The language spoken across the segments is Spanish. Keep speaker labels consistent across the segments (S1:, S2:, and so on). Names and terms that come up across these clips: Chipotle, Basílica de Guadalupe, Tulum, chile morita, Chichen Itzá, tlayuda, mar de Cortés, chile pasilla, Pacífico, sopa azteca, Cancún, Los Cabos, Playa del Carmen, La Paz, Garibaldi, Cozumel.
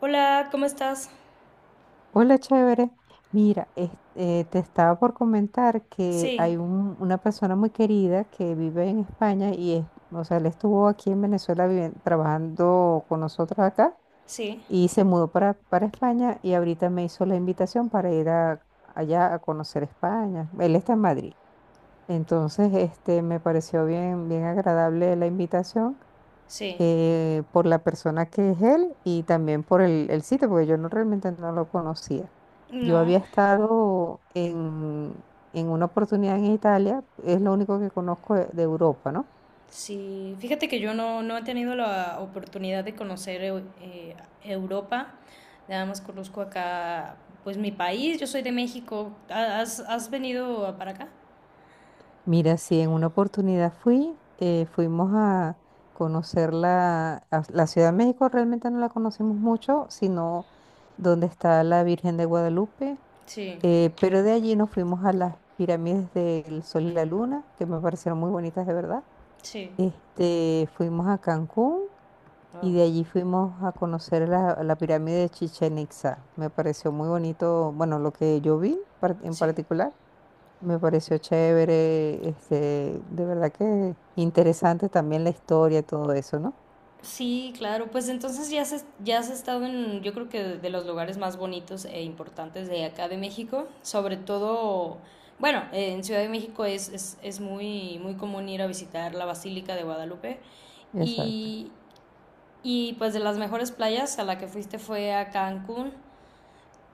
S1: Hola, ¿cómo estás?
S2: Hola, chévere. Mira, te estaba por comentar que
S1: Sí,
S2: hay una persona muy querida que vive en España y o sea, él estuvo aquí en Venezuela trabajando con nosotros acá
S1: sí,
S2: y se mudó para España, y ahorita me hizo la invitación para ir allá a conocer España. Él está en Madrid. Entonces, me pareció bien, bien agradable la invitación,
S1: sí.
S2: por la persona que es él y también por el sitio, porque yo no, realmente no lo conocía. Yo había
S1: No,
S2: estado en una oportunidad en Italia, es lo único que conozco de Europa, ¿no?
S1: sí. Fíjate que yo no, no he tenido la oportunidad de conocer Europa. Nada más conozco acá, pues mi país. Yo soy de México. ¿Has venido para acá?
S2: Mira, sí, en una oportunidad fuimos a conocer la Ciudad de México, realmente no la conocimos mucho, sino donde está la Virgen de Guadalupe,
S1: Sí,
S2: pero de allí nos fuimos a las pirámides del Sol y la Luna, que me parecieron muy bonitas de verdad.
S1: sí.
S2: Fuimos a Cancún y
S1: Oh,
S2: de allí fuimos a conocer la pirámide de Chichen Itza. Me pareció muy bonito, bueno, lo que yo en
S1: sí.
S2: particular. Me pareció chévere, de verdad que interesante también la historia y todo eso, ¿no?
S1: Sí, claro, pues entonces ya has estado en, yo creo que de los lugares más bonitos e importantes de acá de México, sobre todo, bueno, en Ciudad de México es muy, muy común ir a visitar la Basílica de Guadalupe,
S2: Exacto.
S1: y, y pues de las mejores playas a la que fuiste fue a Cancún.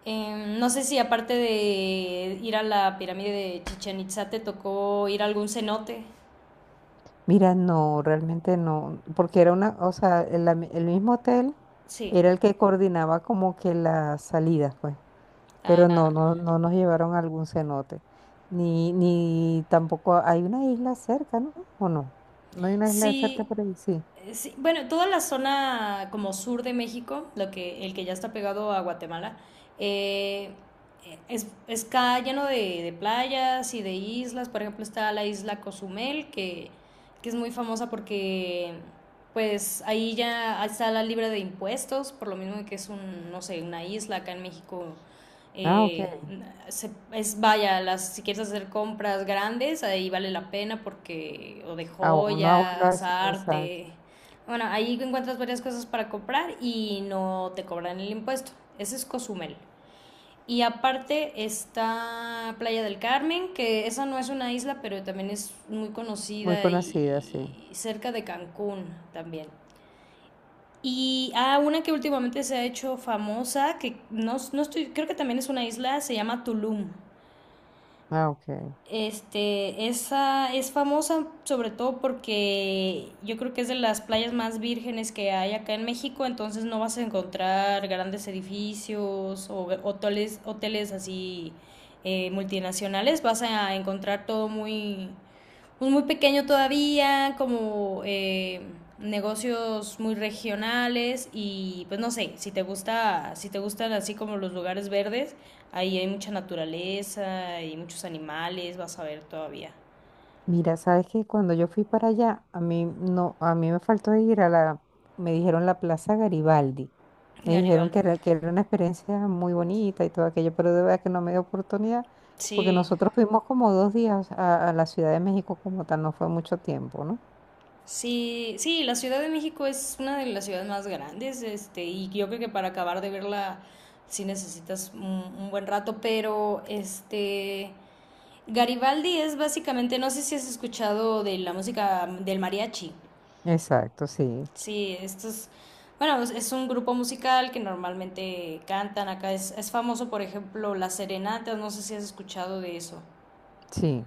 S1: No sé si aparte de ir a la pirámide de Chichen Itzá te tocó ir a algún cenote.
S2: Mira, no, realmente no, porque era una, o sea, el mismo hotel
S1: Sí,
S2: era el que coordinaba como que las salidas, pues. Pero no nos llevaron a algún cenote, ni tampoco hay una isla cerca, ¿no? ¿O no? No hay una isla cerca
S1: sí,
S2: por ahí, sí.
S1: sí, bueno, toda la zona como sur de México, lo que, el que ya está pegado a Guatemala, eh, está lleno de playas y de islas. Por ejemplo, está la isla Cozumel, que es muy famosa porque pues ahí ya está la libre de impuestos, por lo mismo que es un, no sé, una isla acá en México,
S2: Ah,
S1: eh,
S2: ok.
S1: es vaya, las, si quieres hacer compras grandes, ahí vale la pena porque, o de
S2: Aún no
S1: joyas,
S2: abordas, exacto.
S1: arte. Bueno, ahí encuentras varias cosas para comprar y no te cobran el impuesto. Ese es Cozumel. Y aparte está Playa del Carmen, que esa no es una isla, pero también es muy
S2: Muy
S1: conocida
S2: conocida, sí.
S1: y cerca de Cancún también. Y una que últimamente se ha hecho famosa, que no, estoy, creo que también es una isla, se llama Tulum.
S2: Ah, ok.
S1: Este, esa es famosa sobre todo porque yo creo que es de las playas más vírgenes que hay acá en México, entonces no vas a encontrar grandes edificios o hoteles así, multinacionales, vas a encontrar todo muy, pues, muy pequeño todavía, como negocios muy regionales y pues no sé, si te gusta, si te gustan así como los lugares verdes, ahí hay mucha naturaleza y muchos animales, vas a ver todavía.
S2: Mira, sabes que cuando yo fui para allá, a mí no, a mí me faltó ir a me dijeron, la Plaza Garibaldi. Me dijeron
S1: Garibaldi.
S2: que era una experiencia muy bonita y todo aquello, pero de verdad que no me dio oportunidad, porque
S1: Sí.
S2: nosotros fuimos como 2 días a la Ciudad de México como tal, no fue mucho tiempo, ¿no?
S1: Sí, sí, la Ciudad de México es una de las ciudades más grandes, este, y yo creo que para acabar de verla sí necesitas un buen rato, pero este Garibaldi es básicamente, no sé si has escuchado de la música del mariachi.
S2: Exacto, sí,
S1: Sí, esto es, bueno, es un grupo musical que normalmente cantan acá. Es famoso, por ejemplo, las serenatas, no sé si has escuchado de eso.
S2: sí.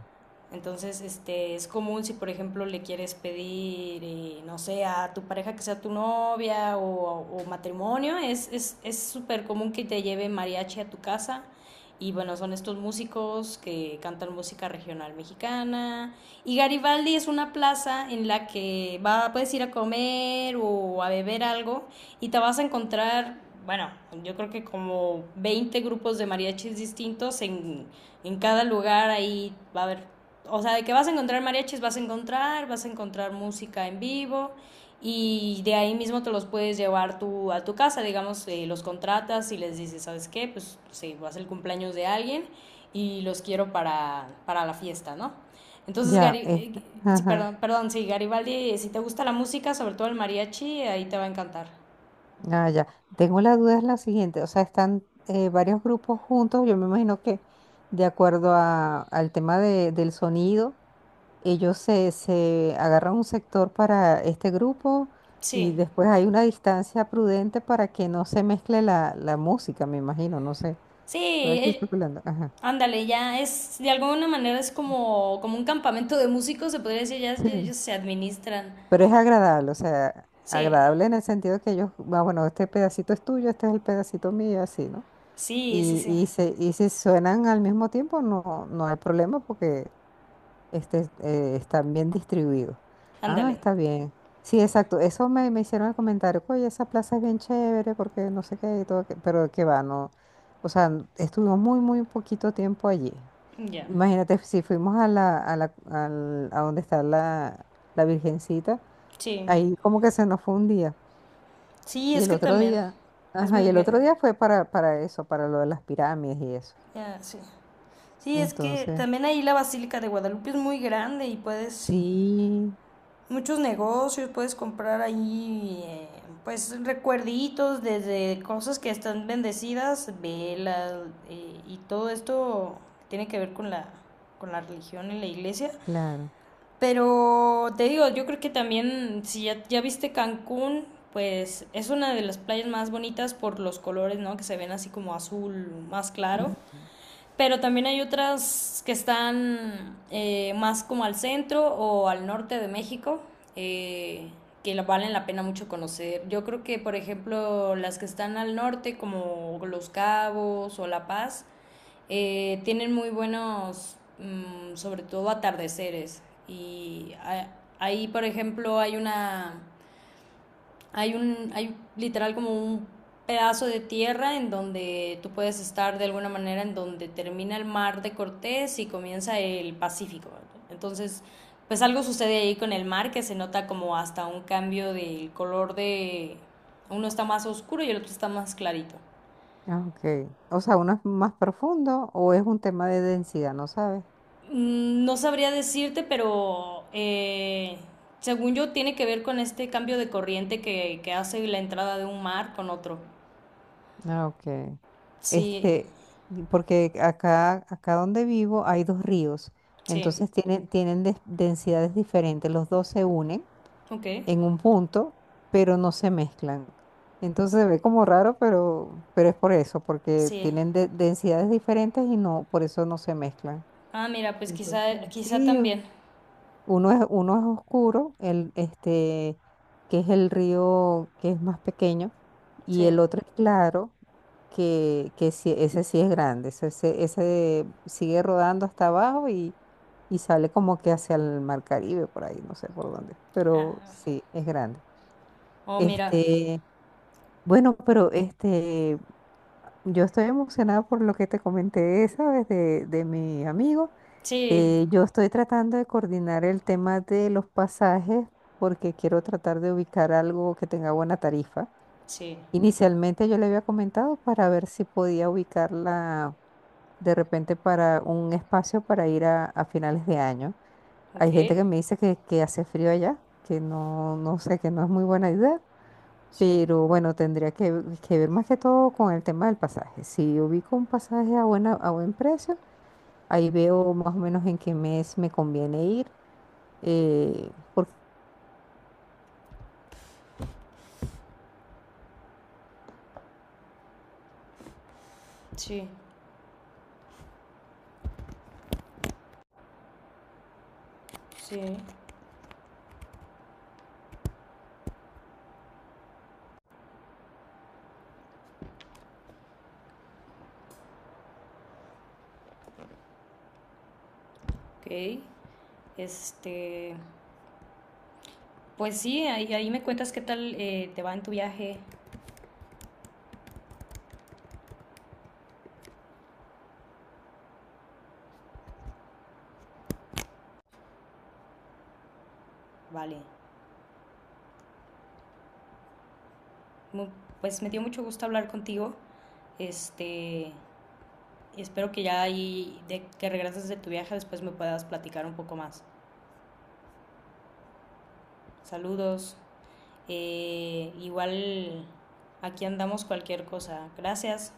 S1: Entonces, este, es común si, por ejemplo, le quieres pedir, no sé, a tu pareja que sea tu novia o matrimonio, es súper común que te lleve mariachi a tu casa. Y bueno, son estos músicos que cantan música regional mexicana. Y Garibaldi es una plaza en la que va, puedes ir a comer o a beber algo y te vas a encontrar, bueno, yo creo que como 20 grupos de mariachis distintos en, cada lugar. Ahí va a haber, o sea, de que vas a encontrar mariachis, vas a encontrar música en vivo y de ahí mismo te los puedes llevar tú a tu casa, digamos, los contratas y les dices, ¿sabes qué? Pues sí, va a ser el cumpleaños de alguien y los quiero para la fiesta, ¿no? Entonces,
S2: Ya,
S1: Garibaldi, sí,
S2: ajá,
S1: perdón, perdón, sí, Garibaldi, si te gusta la música, sobre todo el mariachi, ahí te va a encantar.
S2: ah, ya. Tengo la duda es la siguiente, o sea, están varios grupos juntos. Yo me imagino que, de acuerdo al tema del sonido, ellos se agarran un sector para este grupo, y
S1: Sí,
S2: después hay una distancia prudente para que no se mezcle la música, me imagino, no sé.
S1: sí.
S2: Estoy aquí especulando. Ajá.
S1: Ándale, ya es, de alguna manera es como, un campamento de músicos, se podría decir, ya
S2: Sí.
S1: ellos se administran.
S2: Pero es agradable, o sea,
S1: Sí,
S2: agradable en el sentido que ellos, ah, bueno, este pedacito es tuyo, este es el pedacito mío, y así, ¿no?
S1: sí, sí,
S2: Y,
S1: sí.
S2: y, se, y si suenan al mismo tiempo, no hay problema, porque están bien distribuidos. Ah,
S1: Ándale,
S2: está bien. Sí, exacto. Eso me hicieron el comentario. Oye, esa plaza es bien chévere porque no sé qué, y todo, que- pero que va, no. O sea, n- estuvimos muy, muy poquito tiempo allí.
S1: ya.
S2: Imagínate, si fuimos a donde está la Virgencita,
S1: Sí,
S2: ahí como que se nos fue un día.
S1: sí,
S2: Y
S1: es
S2: el
S1: que
S2: otro
S1: también.
S2: día,
S1: Es
S2: ajá,
S1: muy...
S2: y el otro
S1: gra-
S2: día fue para eso, para lo de las pirámides y eso.
S1: Ya, sí. Sí, es que
S2: Entonces,
S1: también ahí la Basílica de Guadalupe es muy grande y puedes
S2: sí,
S1: muchos negocios, puedes comprar ahí, pues recuerditos desde cosas que están bendecidas, velas, y todo esto tiene que ver con la religión y la iglesia,
S2: claro.
S1: pero te digo, yo creo que también si ya viste Cancún, pues es una de las playas más bonitas por los colores, ¿no? Que se ven así como azul más claro. Pero también hay otras que están, más como al centro o al norte de México, eh, que valen la pena mucho conocer. Yo creo que, por ejemplo, las que están al norte, como Los Cabos o La Paz, tienen muy buenos, sobre todo atardeceres. Y a- Ahí, por ejemplo, hay literal como un pedazo de tierra en donde tú puedes estar de alguna manera en donde termina el Mar de Cortés y comienza el Pacífico, ¿verdad? Entonces, pues algo sucede ahí con el mar que se nota como hasta un cambio del color, de uno está más oscuro y el otro está más clarito.
S2: Ah, ok. O sea, ¿uno es más profundo o es un tema de densidad, no sabes?
S1: No sabría decirte, pero según yo tiene que ver con este cambio de corriente que, hace la entrada de un mar con otro.
S2: Ah, ok.
S1: Sí,
S2: Este, y porque acá donde vivo hay dos ríos,
S1: sí.
S2: entonces tienen, densidades diferentes. Los dos se unen
S1: Ok.
S2: en un punto, pero no se mezclan. Entonces se ve como raro, pero es por eso, porque
S1: Sí.
S2: tienen densidades diferentes y no, por eso no se mezclan.
S1: Ah, mira, pues
S2: Entonces,
S1: quizá, quizá
S2: sí.
S1: también.
S2: Uno es oscuro, que es el río que es más pequeño, y
S1: Sí.
S2: el otro es claro, que sí, ese sí es grande. Ese sigue rodando hasta abajo y sale como que hacia el Mar Caribe, por ahí, no sé por dónde, pero
S1: Ah,
S2: sí, es grande.
S1: oh, mira.
S2: Este, bueno, yo estoy emocionada por lo que te comenté, ¿sabes? De mi amigo.
S1: Sí.
S2: Yo estoy tratando de coordinar el tema de los pasajes, porque quiero tratar de ubicar algo que tenga buena tarifa.
S1: Sí.
S2: Inicialmente yo le había comentado para ver si podía ubicarla de repente para un espacio para ir a finales de año.
S1: Ok.
S2: Hay gente que me dice que hace frío allá, que no, no sé, que no es muy buena idea,
S1: Sí.
S2: pero bueno, tendría que ver más que todo con el tema del pasaje. Si ubico un pasaje a a buen precio, ahí veo más o menos en qué mes me conviene ir, porque
S1: Sí. Sí. Ok. Este. Pues sí, ahí me cuentas qué tal, te va en tu viaje. Vale. Mu- Pues me dio mucho gusto hablar contigo. Este. Espero que ya ahí, de que regreses de tu viaje, después me puedas platicar un poco más. Saludos. Igual aquí andamos cualquier cosa. Gracias.